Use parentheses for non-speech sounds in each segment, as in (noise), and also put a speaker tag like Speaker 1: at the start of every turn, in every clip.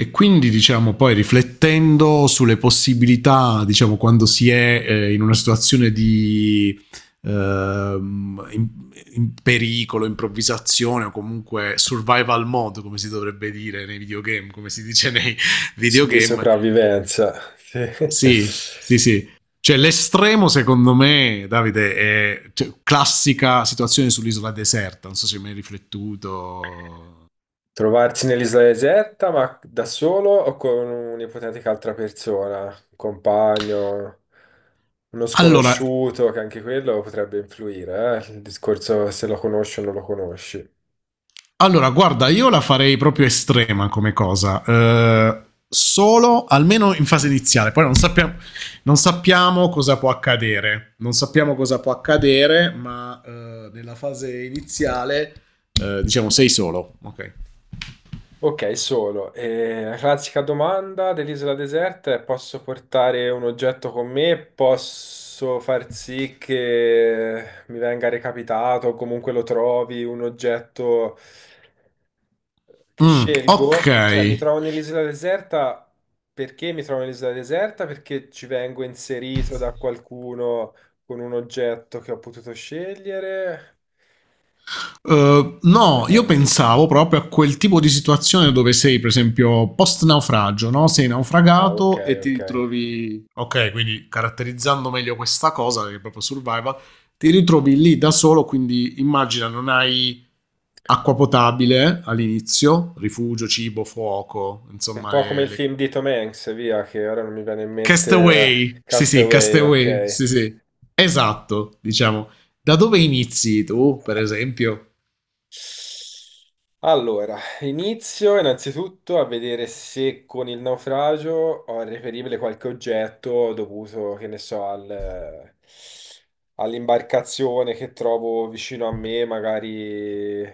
Speaker 1: E quindi, diciamo, poi riflettendo sulle possibilità, diciamo, quando si è in una situazione di ehm, in, in pericolo, improvvisazione o comunque survival mode, come si dovrebbe dire nei videogame, come si dice nei (laughs)
Speaker 2: Di
Speaker 1: videogame.
Speaker 2: sopravvivenza. (laughs) Sì.
Speaker 1: Sì, sì, sì. Cioè, l'estremo, secondo me, Davide, è cioè, classica situazione sull'isola deserta. Non so se mi hai riflettuto.
Speaker 2: Trovarsi nell'isola deserta, ma da solo o con un'ipotetica altra persona, un compagno, uno
Speaker 1: Allora,
Speaker 2: sconosciuto, che anche quello potrebbe influire, il discorso se lo conosci o non lo conosci.
Speaker 1: Allora, guarda, io la farei proprio estrema come cosa. Solo, almeno in fase iniziale. Poi non sappiamo cosa può accadere. Non sappiamo cosa può accadere, ma nella fase iniziale, diciamo, sei solo. Ok.
Speaker 2: Ok, solo. E la classica domanda dell'isola deserta è: posso portare un oggetto con me? Posso far sì che mi venga recapitato o comunque lo trovi un oggetto? Che
Speaker 1: Mm, ok.
Speaker 2: scelgo, cioè mi trovo nell'isola deserta, perché mi trovo nell'isola deserta? Perché ci vengo inserito da qualcuno con un oggetto che ho potuto scegliere. Che ne
Speaker 1: No, io
Speaker 2: pensi?
Speaker 1: pensavo proprio a quel tipo di situazione dove sei, per esempio, post naufragio, no? Sei
Speaker 2: Ah, ok,
Speaker 1: naufragato e ti
Speaker 2: ok.
Speaker 1: ritrovi. Ok, quindi caratterizzando meglio questa cosa, che è proprio survival, ti ritrovi lì da solo, quindi immagina non hai acqua potabile all'inizio, rifugio, cibo, fuoco,
Speaker 2: Un
Speaker 1: insomma
Speaker 2: po' come il
Speaker 1: le...
Speaker 2: film di Tom Hanks, via, che ora non mi viene in mente, Castaway,
Speaker 1: Castaway,
Speaker 2: ok.
Speaker 1: sì sì, esatto, diciamo. Da dove inizi tu, per esempio?
Speaker 2: Allora, inizio innanzitutto a vedere se con il naufragio ho reperibile qualche oggetto dovuto, che ne so, all'imbarcazione che trovo vicino a me, magari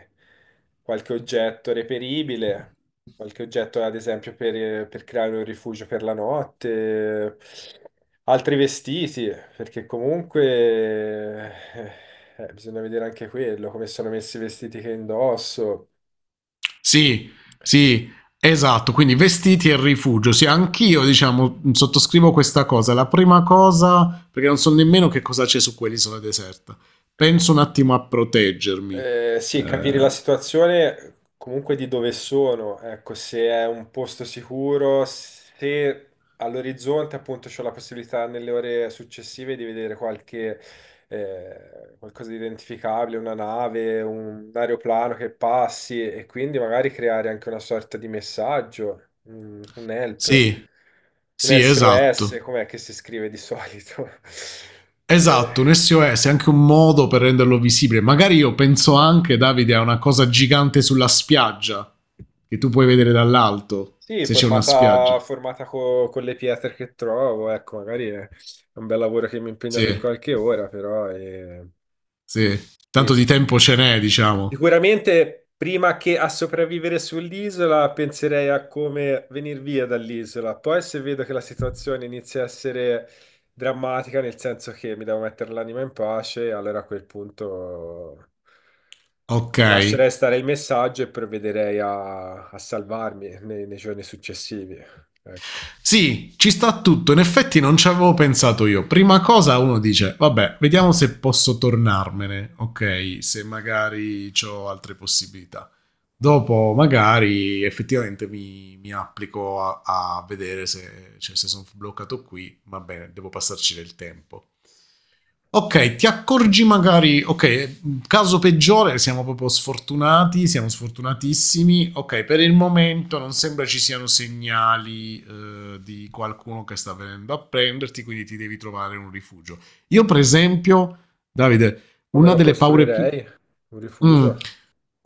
Speaker 2: qualche oggetto reperibile, qualche oggetto ad esempio per creare un rifugio per la notte, altri vestiti perché comunque eh, bisogna vedere anche quello, come sono messi i vestiti che indosso.
Speaker 1: Sì, sì, esatto, quindi vestiti e rifugio. Sì, anch'io, diciamo, sottoscrivo questa cosa. La prima cosa, perché non so nemmeno che cosa c'è su quell'isola deserta. Penso un attimo a proteggermi.
Speaker 2: Sì, capire la
Speaker 1: Eh,
Speaker 2: situazione comunque di dove sono, ecco, se è un posto sicuro, se all'orizzonte appunto c'ho la possibilità nelle ore successive di vedere qualche qualcosa di identificabile, una nave, un aeroplano che passi e quindi magari creare anche una sorta di messaggio, un help,
Speaker 1: sì,
Speaker 2: un
Speaker 1: sì,
Speaker 2: SOS,
Speaker 1: esatto.
Speaker 2: com'è che si scrive di solito? (laughs) Eh,
Speaker 1: Esatto, un SOS è anche un modo per renderlo visibile. Magari io penso anche, Davide, a una cosa gigante sulla spiaggia che tu puoi vedere dall'alto,
Speaker 2: sì,
Speaker 1: se c'è una spiaggia.
Speaker 2: formata, formata con le pietre che trovo, ecco, magari è un bel lavoro che mi impegna
Speaker 1: Sì,
Speaker 2: per qualche ora, però
Speaker 1: sì.
Speaker 2: sì,
Speaker 1: Tanto
Speaker 2: sì.
Speaker 1: di tempo ce n'è, diciamo.
Speaker 2: Sicuramente prima che a sopravvivere sull'isola penserei a come venire via dall'isola, poi se vedo che la situazione inizia a essere drammatica, nel senso che mi devo mettere l'anima in pace, allora a quel punto
Speaker 1: Ok.
Speaker 2: lascerei stare il messaggio e provvederei a salvarmi nei giorni successivi, ecco.
Speaker 1: Sì, ci sta tutto. In effetti non ci avevo pensato io. Prima cosa uno dice, vabbè, vediamo se posso tornarmene. Ok, se magari ho altre possibilità. Dopo magari effettivamente mi applico a, a vedere se, cioè, se sono bloccato qui, va bene, devo passarci del tempo. Ok, ti accorgi magari, ok, caso peggiore, siamo proprio sfortunati, siamo sfortunatissimi, ok, per il momento non sembra ci siano segnali di qualcuno che sta venendo a prenderti, quindi ti devi trovare un rifugio. Io per esempio, Davide,
Speaker 2: Come
Speaker 1: una
Speaker 2: lo
Speaker 1: delle paure più...
Speaker 2: costruirei? Un
Speaker 1: Mm,
Speaker 2: rifugio?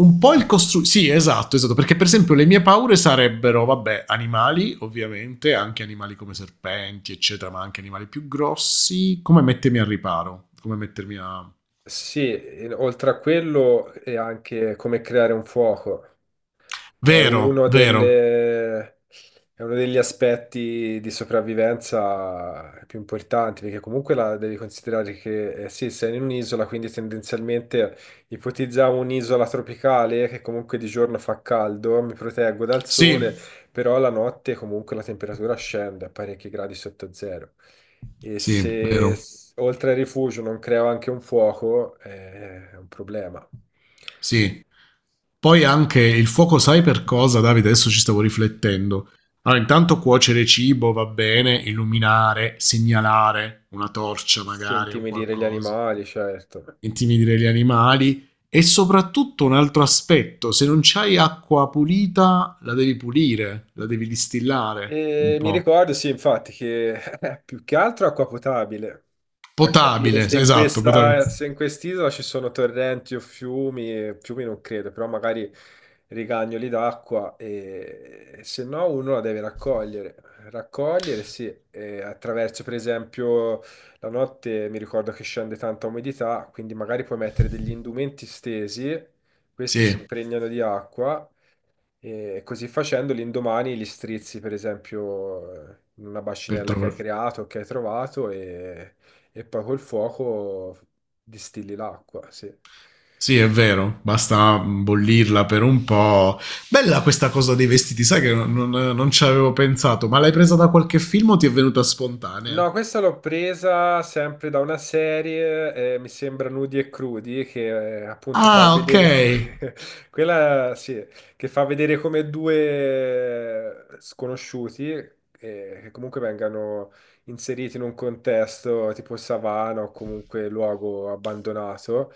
Speaker 1: un po' il costruire. Sì, esatto, esatto, perché per esempio le mie paure sarebbero, vabbè, animali, ovviamente, anche animali come serpenti, eccetera, ma anche animali più grossi. Come mettermi al riparo? Come mettermi a...
Speaker 2: Sì, e oltre a quello è anche come creare un fuoco. È
Speaker 1: Vero,
Speaker 2: uno
Speaker 1: vero.
Speaker 2: delle- è uno degli aspetti di sopravvivenza più importanti, perché comunque la devi considerare che sì, sei in un'isola, quindi tendenzialmente ipotizziamo un'isola tropicale che comunque di giorno fa caldo, mi proteggo dal sole,
Speaker 1: Sì,
Speaker 2: però la notte comunque la temperatura scende a parecchi gradi sotto zero. E
Speaker 1: sì,
Speaker 2: se
Speaker 1: vero.
Speaker 2: oltre al rifugio non creo anche un fuoco, è un problema.
Speaker 1: Sì. Poi anche il fuoco, sai per cosa, Davide? Adesso ci stavo riflettendo. Allora, intanto cuocere cibo va bene, illuminare, segnalare una torcia
Speaker 2: Sì,
Speaker 1: magari, un
Speaker 2: intimidire gli
Speaker 1: qualcosa.
Speaker 2: animali, certo.
Speaker 1: Intimidire gli animali e soprattutto un altro aspetto, se non c'hai acqua pulita la devi pulire, la devi distillare
Speaker 2: E
Speaker 1: un
Speaker 2: mi
Speaker 1: po'.
Speaker 2: ricordo, sì, infatti, che (laughs) più che altro acqua potabile, a capire
Speaker 1: Potabile,
Speaker 2: se in
Speaker 1: esatto, potabile.
Speaker 2: questa, se in quest'isola ci sono torrenti o fiumi, fiumi non credo, però magari rigagnoli d'acqua e se no uno la deve raccogliere. Raccogliere, sì, e attraverso per esempio la notte mi ricordo che scende tanta umidità, quindi magari puoi mettere degli indumenti stesi, questi si
Speaker 1: Sì,
Speaker 2: impregnano di acqua e così facendo, l'indomani li strizzi, per esempio, in una
Speaker 1: per
Speaker 2: bacinella che hai
Speaker 1: trovare...
Speaker 2: creato, che hai trovato, e poi col fuoco distilli l'acqua, sì.
Speaker 1: Sì, è vero, basta bollirla per un po'. Bella questa cosa dei vestiti, sai che non ci avevo pensato, ma l'hai presa da qualche film o ti è venuta spontanea?
Speaker 2: No, questa l'ho presa sempre da una serie, mi sembra Nudi e Crudi, che appunto fa
Speaker 1: Ah, ok.
Speaker 2: vedere come... (laughs) Quella, sì, che fa vedere come due sconosciuti, che comunque vengano inseriti in un contesto tipo savana o comunque luogo abbandonato,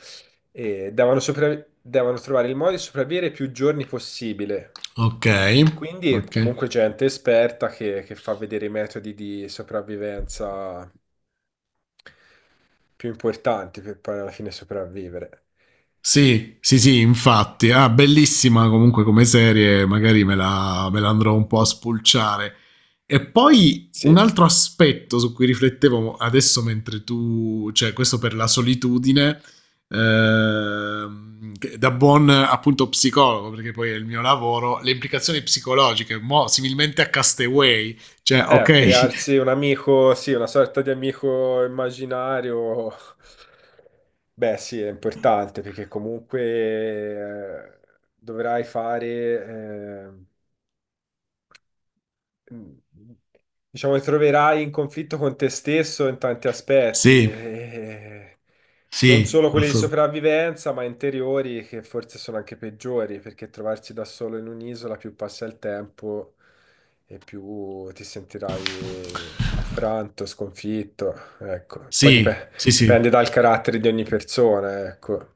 Speaker 2: e devono, devono trovare il modo di sopravvivere più giorni possibile.
Speaker 1: Ok,
Speaker 2: E quindi è
Speaker 1: ok.
Speaker 2: comunque gente esperta che fa vedere i metodi di sopravvivenza più importanti per poi alla fine sopravvivere.
Speaker 1: Sì, sì, sì, infatti. Ah, bellissima comunque come serie, magari me la andrò un po' a spulciare. E poi un
Speaker 2: Sì,
Speaker 1: altro aspetto su cui riflettevo adesso mentre tu, cioè questo per la solitudine, che- da buon appunto psicologo, perché poi è il mio lavoro, le implicazioni psicologiche, mo, similmente a Castaway, cioè
Speaker 2: a
Speaker 1: ok,
Speaker 2: crearsi un amico, sì, una sorta di amico immaginario. Beh, sì, è importante perché comunque dovrai fare ehm, diciamo, ti troverai in conflitto con te stesso in tanti aspetti,
Speaker 1: (laughs) sì,
Speaker 2: non
Speaker 1: sì,
Speaker 2: solo quelli di
Speaker 1: assolut-
Speaker 2: sopravvivenza, ma interiori che forse sono anche peggiori, perché trovarsi da solo in un'isola, più passa il tempo e più ti sentirai affranto, sconfitto, ecco.
Speaker 1: sì, sì, sì.
Speaker 2: Dipende dal carattere di ogni persona, ecco.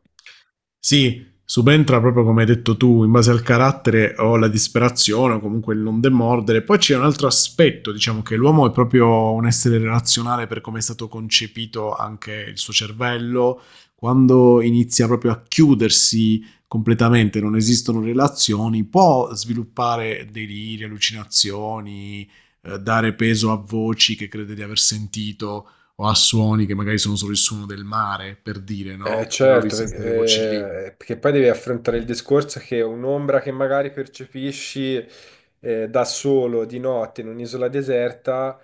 Speaker 1: Sì, subentra proprio come hai detto tu, in base al carattere o la disperazione o comunque il non demordere. Poi c'è un altro aspetto, diciamo che l'uomo è proprio un essere relazionale per come è stato concepito anche il suo cervello, quando inizia proprio a chiudersi completamente, non esistono relazioni, può sviluppare deliri, allucinazioni, dare peso a voci che crede di aver sentito o a suoni che magari sono solo il suono del mare, per dire, no? Però lui
Speaker 2: Certo,
Speaker 1: sente le voci lì.
Speaker 2: perché, perché poi devi affrontare il discorso che un'ombra che magari percepisci da solo di notte in un'isola deserta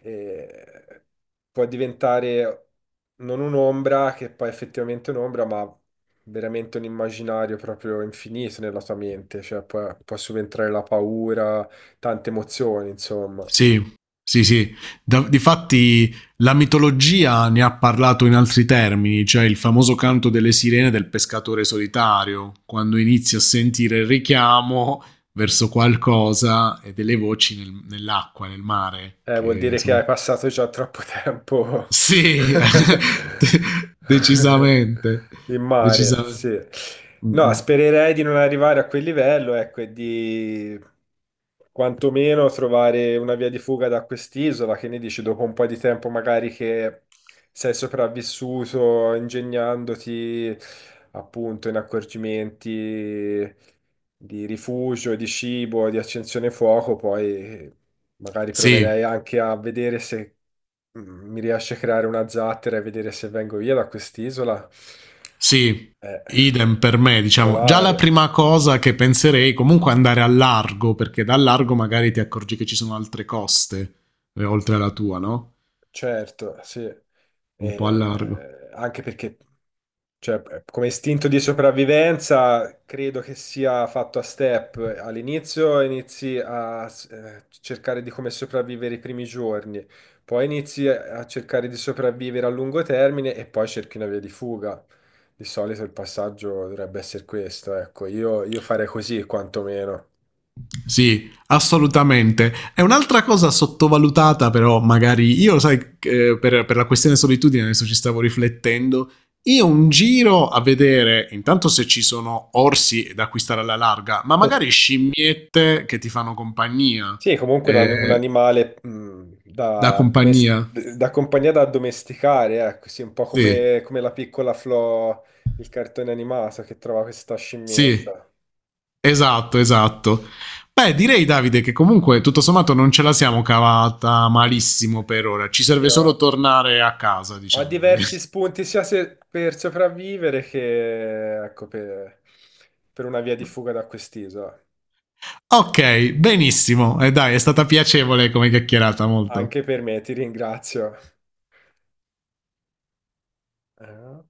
Speaker 2: eh, può diventare non un'ombra che poi effettivamente è un'ombra, ma veramente un immaginario proprio infinito nella tua mente, cioè può subentrare la paura, tante emozioni, insomma.
Speaker 1: Sì, sì, sì. Da- difatti la mitologia ne ha parlato in altri termini, cioè il famoso canto delle sirene del pescatore solitario, quando inizi a sentire il richiamo verso qualcosa e delle voci nell'acqua, nel mare,
Speaker 2: Vuol
Speaker 1: che
Speaker 2: dire che hai
Speaker 1: sono...
Speaker 2: passato già troppo tempo
Speaker 1: Sì, (laughs) decisamente,
Speaker 2: (laughs) in mare,
Speaker 1: decisamente.
Speaker 2: sì.
Speaker 1: Mm,
Speaker 2: No,
Speaker 1: mm.
Speaker 2: spererei di non arrivare a quel livello, ecco, e di quantomeno trovare una via di fuga da quest'isola, che ne dici, dopo un po' di tempo magari che sei sopravvissuto ingegnandoti appunto in accorgimenti di rifugio, di cibo, di accensione fuoco, poi magari
Speaker 1: Sì.
Speaker 2: proverei anche a vedere se mm, mi riesce a creare una zattera e vedere se vengo via da quest'isola.
Speaker 1: Sì,
Speaker 2: Eh,
Speaker 1: idem per me, diciamo. Già la
Speaker 2: provare,
Speaker 1: prima cosa che penserei comunque è andare a largo, perché da largo magari ti accorgi che ci sono altre coste, oltre alla tua, no?
Speaker 2: certo, sì.
Speaker 1: Un po' a largo.
Speaker 2: Anche perché cioè, come istinto di sopravvivenza, credo che sia fatto a step. All'inizio cercare di come sopravvivere i primi giorni, poi inizi a cercare di sopravvivere a lungo termine e poi cerchi una via di fuga. Di solito il passaggio dovrebbe essere questo, ecco, io farei così quantomeno.
Speaker 1: Sì, assolutamente. È un'altra cosa sottovalutata, però magari io, sai, per la questione solitudine, adesso ci stavo riflettendo. Io un giro a vedere intanto se ci sono orsi da acquistare alla larga, ma magari
Speaker 2: (laughs)
Speaker 1: scimmiette che ti fanno compagnia.
Speaker 2: Sì, è comunque un
Speaker 1: Eh,
Speaker 2: animale
Speaker 1: Da
Speaker 2: da,
Speaker 1: compagnia?
Speaker 2: da compagnia da addomesticare, ecco, sì, un po'
Speaker 1: Sì,
Speaker 2: come, come la piccola Flo, il cartone animato che trova questa
Speaker 1: sì,
Speaker 2: scimmietta.
Speaker 1: esatto, esatto. Beh, direi Davide che comunque tutto sommato non ce la siamo cavata malissimo per ora, ci
Speaker 2: Sì,
Speaker 1: serve solo
Speaker 2: ha,
Speaker 1: tornare a casa,
Speaker 2: ha
Speaker 1: diciamo. (laughs)
Speaker 2: diversi spunti sia per sopravvivere che ecco, per una via di fuga da quest'isola.
Speaker 1: Ok, benissimo. E dai, è stata piacevole come chiacchierata molto.
Speaker 2: Anche per me, ti ringrazio. Eh.